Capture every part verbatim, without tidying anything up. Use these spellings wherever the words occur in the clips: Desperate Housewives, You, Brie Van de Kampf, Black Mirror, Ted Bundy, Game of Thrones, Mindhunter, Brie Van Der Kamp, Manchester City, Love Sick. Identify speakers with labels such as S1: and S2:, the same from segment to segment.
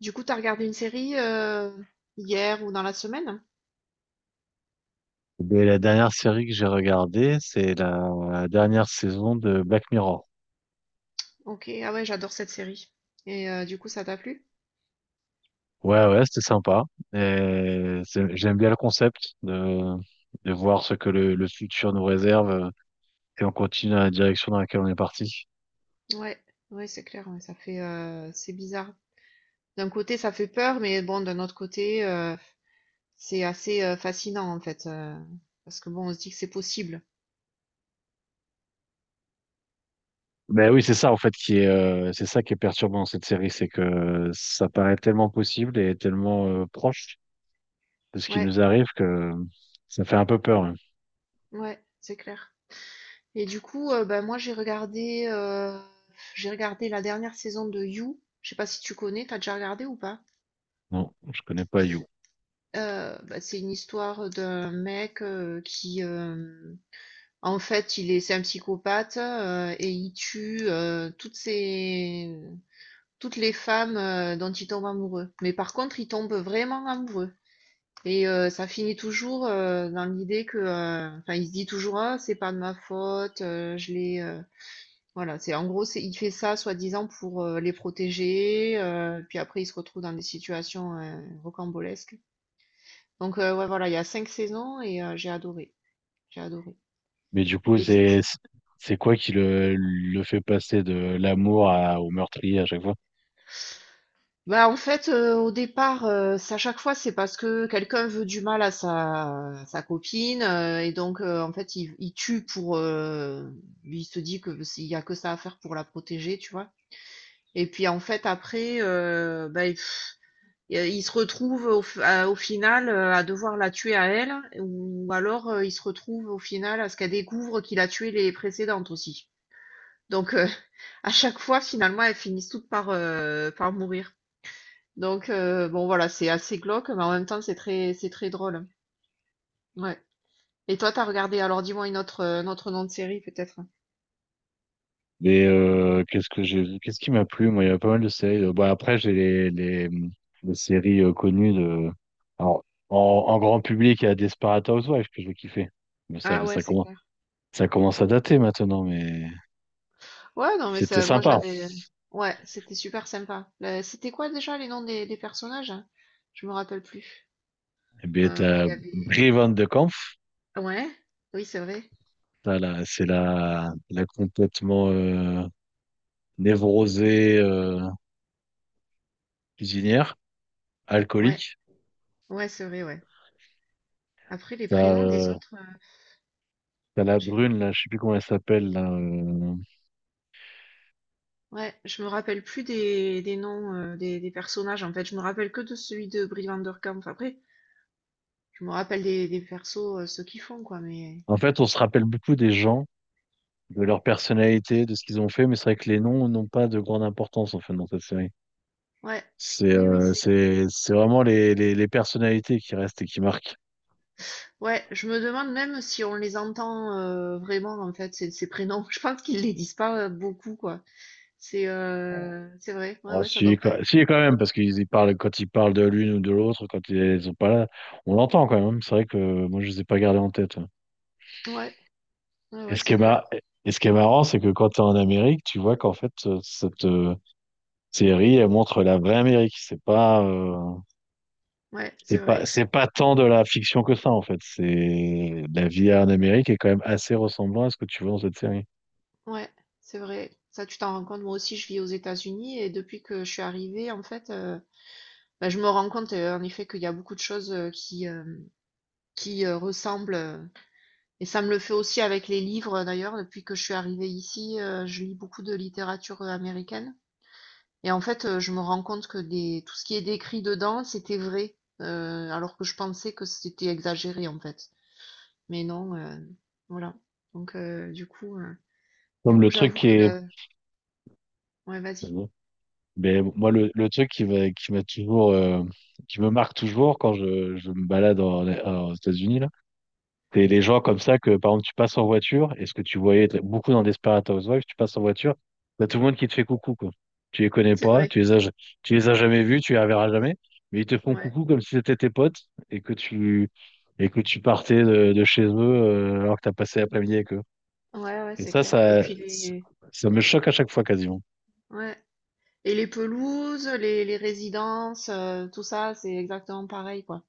S1: Du coup, t'as regardé une série euh, hier ou dans la semaine?
S2: Eh bien, la dernière série que j'ai regardée, c'est la dernière saison de Black Mirror.
S1: Ok, ah ouais, j'adore cette série. Et euh, du coup, ça t'a plu?
S2: Ouais, ouais, c'était sympa. Et c'est- j'aime bien le concept de, de voir ce que le, le futur nous réserve, euh, et on continue dans la direction dans laquelle on est parti.
S1: Ouais, ouais, c'est clair, ouais, ça fait, euh, c'est bizarre. D'un côté, ça fait peur, mais bon, d'un autre côté, euh, c'est assez euh, fascinant en fait, euh, parce que bon, on se dit que c'est possible.
S2: Ben oui, c'est ça en fait qui est, euh, c'est ça qui est perturbant dans cette série, c'est que ça paraît tellement possible et tellement euh, proche de ce qui
S1: Ouais,
S2: nous arrive que ça fait un peu peur, hein.
S1: ouais, c'est clair. Et du coup, euh, ben moi, j'ai regardé, euh, j'ai regardé la dernière saison de You. Je sais pas si tu connais, t'as déjà regardé ou pas?
S2: Non, je connais pas You.
S1: Heu, bah, c'est une histoire d'un mec, heu, qui, hem, en fait, il est c'est un psychopathe, heu et il tue, heu, toutes ses toutes les femmes, heu, dont il tombe amoureux. Mais par contre, il tombe vraiment amoureux et heu, ça finit toujours, heu, dans l'idée que, heu enfin, il se dit toujours: «Ah, c'est pas de ma faute, heu, je l'ai, heu» voilà, c'est en gros, c'est il fait ça soi-disant pour, heu, les protéger, heu, puis après il se retrouve dans des situations, heu, rocambolesques. Donc euh, ouais, voilà, il y a cinq saisons et euh, j'ai adoré, j'ai adoré.
S2: Mais du coup,
S1: Et du coup,
S2: c'est c'est quoi qui le, le fait passer de l'amour à, au meurtrier à chaque fois?
S1: bah en fait, euh, au départ, euh, c'est à chaque fois, c'est parce que quelqu'un veut du mal à sa, sa copine euh, et donc euh, en fait, il, il tue pour, euh, lui, il se dit que s'il y a que ça à faire pour la protéger, tu vois. Et puis en fait, après, euh, bah, il, il se retrouve au, f- à- au final euh, à devoir la tuer à elle, ou alors euh, il se retrouve au final à ce qu'elle découvre qu'il a tué les précédentes aussi. Donc, euh, à chaque fois, finalement, elles finissent toutes par, heu, par mourir. Donc heu, bon voilà, c'est assez glauque, mais en même temps, c'est très c'est très drôle. Ouais. Et toi, t'as regardé, alors dis-moi une autre, heu, un autre nom de série peut-être?
S2: Mais euh, qu'est-ce que j'ai vu? Qu'est-ce qui m'a plu? Moi, il y a pas mal de séries. Euh, Bon, après, j'ai les, les, les séries euh, connues de. Alors, en, en grand public, il y a Desperate Housewives que je vais kiffer. Mais ça,
S1: Ah ouais,
S2: ça
S1: c'est
S2: commence,
S1: clair.
S2: ça commence à dater maintenant, mais
S1: Ouais, non, mais
S2: c'était
S1: ça, moi
S2: sympa.
S1: j'avais, ouais, c'était super sympa. Le C'était quoi déjà les noms des des personnages? Je me rappelle plus.
S2: Et bien,
S1: Heu, il
S2: t'as
S1: y avait,
S2: Brie Van de Kampf.
S1: ouais, oui, c'est vrai.
S2: T'as la- C'est la, la complètement euh, névrosée, euh, cuisinière,
S1: Ouais,
S2: alcoolique.
S1: ouais, c'est vrai, ouais. Après les
S2: T'as
S1: prénoms des
S2: euh,
S1: autres, heu,
S2: T'as la
S1: j'ai,
S2: brune, là, je sais plus comment elle s'appelle là, euh.
S1: ouais, je me rappelle plus des, des noms euh, des, des personnages en fait. Je me rappelle que de celui de Brie Van Der Kamp. Après, je me rappelle des, des persos, euh, ceux qui font quoi. Mais
S2: En fait, on se rappelle beaucoup des gens, de leur personnalité, de ce qu'ils ont fait, mais c'est vrai que les noms n'ont pas de grande importance, en fait, dans cette série.
S1: ouais,
S2: C'est
S1: oui, oui,
S2: euh,
S1: c'est.
S2: c'est, c'est vraiment les, les, les personnalités qui restent et qui marquent.
S1: Ouais, je me demande même si on les entend euh, vraiment en fait ces, ces prénoms. Je pense qu'ils les disent pas euh, beaucoup quoi. C'est
S2: Bon.
S1: euh, c'est vrai. Ouais,
S2: Oh,
S1: ouais, ça
S2: si,
S1: doit pas
S2: quand,
S1: être.
S2: si, quand même, parce qu'ils y parlent, quand ils parlent de l'une ou de l'autre, quand ils sont pas là, on l'entend quand même. C'est vrai que euh, moi, je les ai pas gardés en tête, ouais.
S1: Ouais, ouais,
S2: Et
S1: ouais,
S2: ce qui
S1: c'est
S2: est
S1: clair.
S2: mar- et ce qui est marrant, c'est que quand tu es en Amérique, tu vois qu'en fait, euh, cette, euh, série, elle montre la vraie Amérique. C'est pas, euh,
S1: Ouais,
S2: c'est
S1: c'est
S2: pas,
S1: vrai.
S2: c'est pas tant de la fiction que ça, en fait. C'est la vie en Amérique est quand même assez ressemblant à ce que tu vois dans cette série.
S1: Ouais, c'est vrai. Ça, tu t'en rends compte. Moi aussi, je vis aux États-Unis et depuis que je suis arrivée en fait. euh, Bah, je me rends compte, heu, en effet, qu'il y a beaucoup de choses, heu, qui, hem, qui, heu, ressemblent, heu et ça me le fait aussi avec les livres, heu, d'ailleurs, depuis que je suis arrivée ici, heu, je lis beaucoup de littérature, heu, américaine et en fait, heu, je me rends compte que des tout ce qui est décrit dedans, c'était vrai, heu, alors que je pensais que c'était exagéré, en fait. Mais non, heu, voilà. Donc heu, du coup, heu, du
S2: Comme
S1: coup,
S2: le truc
S1: j'avoue
S2: qui
S1: que
S2: est,
S1: le ouais, vas-y.
S2: Mais moi le, le truc qui va, qui m'a toujours, euh, qui me marque toujours quand je, je me balade en- en- aux États-Unis là. C'est les gens comme ça que, par exemple, tu passes en voiture, et ce que tu voyais t- beaucoup dans Desperate Housewives, tu passes en voiture, t'as tout le monde qui te fait coucou, quoi. Tu les connais
S1: C'est
S2: pas,
S1: vrai,
S2: tu les as, ja- tu les as jamais vus, tu les reverras jamais, mais ils te font
S1: ouais.
S2: coucou comme si c'était tes potes et que tu, et que tu partais de, de chez eux, euh, alors que t'as passé l'après-midi avec eux.
S1: Ouais, ouais,
S2: Et
S1: c'est
S2: ça,
S1: clair et
S2: ça,
S1: puis les
S2: ça me choque à chaque fois quasiment.
S1: ouais. Et les pelouses, les, les résidences, euh, tout ça, c'est exactement pareil, quoi.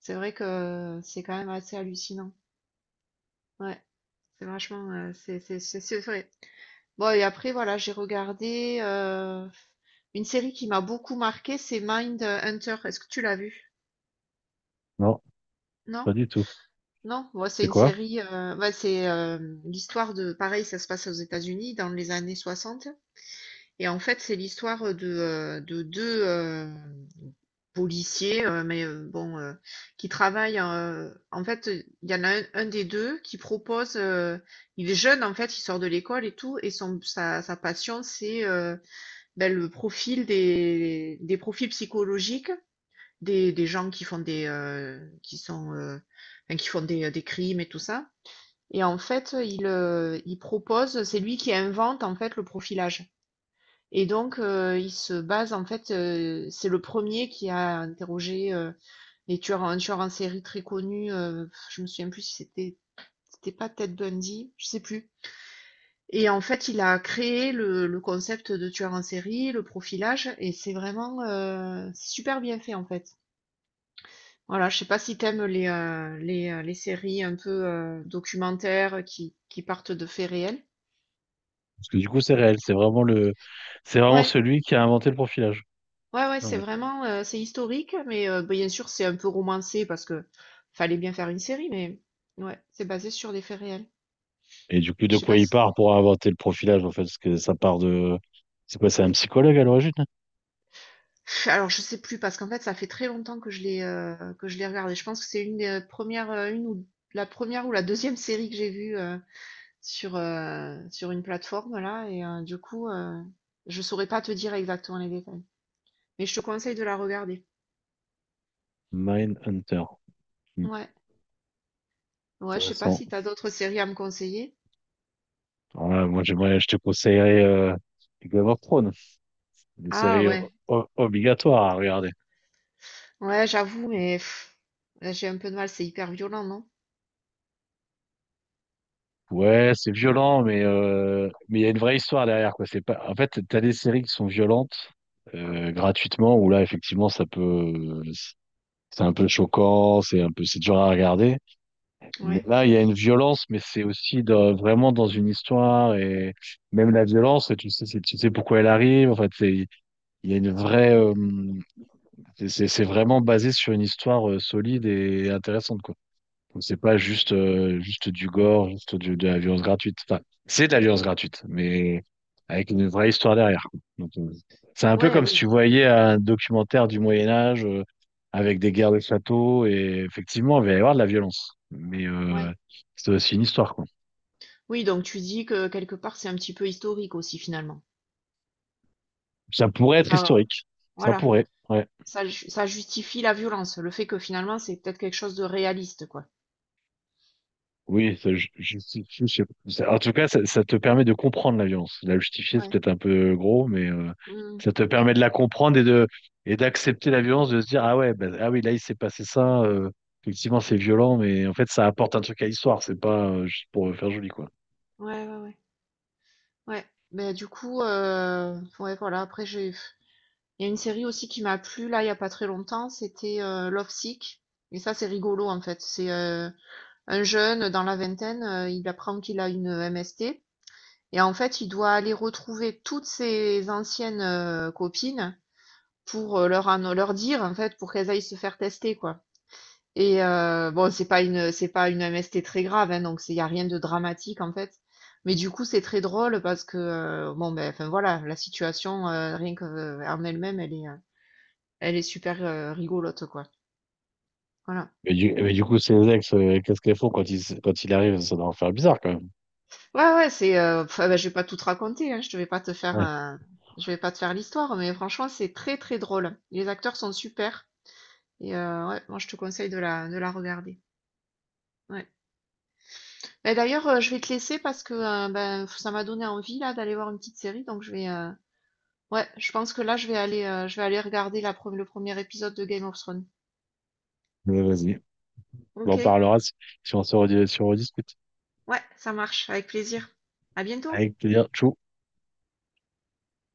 S1: C'est vrai que c'est quand même assez hallucinant. Ouais, c'est vachement, euh, c'est, c'est, c'est c'est vrai. Bon, et après, voilà, j'ai regardé euh, une série qui m'a beaucoup marqué, c'est Mindhunter. Est-ce que tu l'as vue?
S2: Non,
S1: Non?
S2: pas du tout.
S1: Non? Ouais, c'est
S2: C'est
S1: une
S2: quoi?
S1: série, euh, ouais, c'est euh, l'histoire de, pareil, ça se passe aux États-Unis dans les années soixante. Et en fait, c'est l'histoire euh, de, heu, de deux hem, policiers, heu, mais, heu, bon, heu, qui travaillent, heu, en fait, il y en a un un des deux qui propose, heu, il est jeune, en fait, il sort de l'école et tout et son sa sa passion, c'est, heu, bah, le profil des des profils psychologiques des des gens qui font des, heu, qui sont, heu, enfin, qui font des, des crimes et tout ça, et en fait, il, heu, il propose c'est lui qui invente, en fait, le profilage. Et donc, heu, il se base en fait, heu, c'est le premier qui a interrogé, heu, les tueurs en un tueur en série très connu, heu, je me souviens plus si c'était, c'était pas Ted Bundy, je sais plus. Et en fait, il a créé le le concept de tueur en série, le profilage et c'est vraiment, heu, super bien fait en fait. Voilà, je sais pas si t'aimes les, heu, les, heu, les séries un peu, heu, documentaires qui qui partent de faits réels?
S2: Parce que du coup, c'est réel. C'est vraiment le, c'est vraiment
S1: Ouais.
S2: celui qui a inventé le profilage.
S1: Ouais, ouais,
S2: Ah
S1: c'est
S2: ouais.
S1: vraiment, heu, c'est historique, mais heu, bien sûr, c'est un peu romancé parce que fallait bien faire une série, mais ouais, c'est basé sur des faits réels.
S2: Et du coup,
S1: Je
S2: de
S1: sais
S2: quoi
S1: pas
S2: il
S1: si tu,
S2: part pour inventer le profilage, en fait, parce que ça part de, c'est quoi, c'est un psychologue à l'origine, hein?
S1: alors je sais plus parce qu'en fait, ça fait très longtemps que je l'ai, heu, que je l'ai regardé. Je pense que c'est une des, premières, heu, une ou la première ou la deuxième série que j'ai vue, heu, sur, heu, sur une plateforme là et heu, du coup, heu, je saurais pas te dire exactement les détails, mais je te conseille de la regarder.
S2: Mindhunter. Hmm,
S1: Ouais, ouais, je sais pas
S2: intéressant.
S1: si t'as d'autres séries à me conseiller?
S2: Alors là, moi, j'aimerais, je te conseillerais, euh, Game of Thrones. Une
S1: Ah
S2: série
S1: ouais.
S2: o- o- obligatoire à regarder.
S1: Ouais, j'avoue, mais pff, là, j'ai un peu de mal, c'est hyper violent, non?
S2: Ouais, c'est violent, mais, euh, mais il y a une vraie histoire derrière, quoi. C'est pas, en fait, t'as des séries qui sont violentes, euh, gratuitement, où là, effectivement, ça peut, c'est un peu choquant, c'est un peu, c'est dur à regarder. Mais
S1: Ouais.
S2: là, il y a une violence, mais c'est aussi dans- vraiment dans une histoire, et même la violence, tu sais, c'est- tu sais pourquoi elle arrive. En fait, c'est, il y a une vraie, euh, c'est, c'est c'est vraiment basé sur une histoire euh, solide et intéressante, quoi. C'est pas juste, euh, juste du gore, juste du- de la violence gratuite. Enfin, c'est de la violence gratuite, mais avec une vraie histoire derrière. Donc, euh, c'est un peu
S1: Ouais,
S2: comme si tu
S1: oui,
S2: voyais un documentaire du Moyen Âge, euh, avec des guerres de châteaux et effectivement, il va y avoir de la violence. Mais euh,
S1: ouais.
S2: c'est aussi une histoire, quoi.
S1: Oui, donc tu dis que quelque part, c'est un petit peu historique aussi, finalement.
S2: Ça pourrait être
S1: Ça, euh,
S2: historique. Ça
S1: voilà,
S2: pourrait, ouais.
S1: ça, ju- ça justifie la violence, le fait que finalement, c'est peut-être quelque chose de réaliste, quoi.
S2: Oui, ça ju- justifie, je sais pas. Ça- En tout cas, ça, ça te permet de comprendre la violence. La justifier, c'est
S1: Ouais.
S2: peut-être un peu gros, mais euh,
S1: Hmm.
S2: ça te permet de la comprendre et de et d'accepter la violence, de se dire, ah ouais, bah, ah oui, là, il s'est passé ça. Euh, effectivement, c'est violent, mais en fait, ça apporte un truc à l'histoire. C'est pas euh, juste pour faire joli, quoi.
S1: Ouais, ouais, ouais. Ouais. Mais du coup, euh, ouais, voilà, après, j'ai... Il y a une série aussi qui m'a plu, là, il y a pas très longtemps, c'était euh, Love Sick. Et ça, c'est rigolo, en fait. C'est euh, un jeune dans la vingtaine, euh, il apprend qu'il a une M S T. Et en fait, il doit aller retrouver toutes ses anciennes euh, copines pour euh, leur, anno- leur dire, en fait, pour qu'elles aillent se faire tester, quoi. Et euh, bon, c'est pas une, c'est pas une M S T très grave, hein, donc il y a rien de dramatique, en fait. Mais du coup, c'est très drôle parce que, euh, bon, ben, enfin voilà, la situation, euh, rien que, euh, en elle-même, elle est, euh, elle est super euh, rigolote, quoi. Voilà.
S2: Mais du, mais du coup, ces ex, euh, qu'est-ce qu'elles font quand il, s- quand il arrive? Ça doit en faire bizarre, quand même.
S1: Ouais, ouais, c'est, euh, pff, ben, je vais pas tout te raconter, hein, je te vais pas te faire,
S2: Ouais,
S1: euh, je vais pas te faire l'histoire, mais franchement, c'est très, très drôle. Les acteurs sont super. Et heu, ouais, moi je te conseille de la de la regarder. Ouais. Bah, d'ailleurs, heu, je vais te laisser parce que, heu, ben, ça m'a donné envie là d'aller voir une petite série, donc je vais, heu, ouais, je pense que là je vais aller, heu, je vais aller regarder la pre le premier épisode de Game of Thrones.
S2: mais vas-y. On en
S1: OK,
S2: parlera si, si on se redis- si on rediscute.
S1: ouais, ça marche, avec plaisir. À bientôt.
S2: Avec plaisir. Tchou.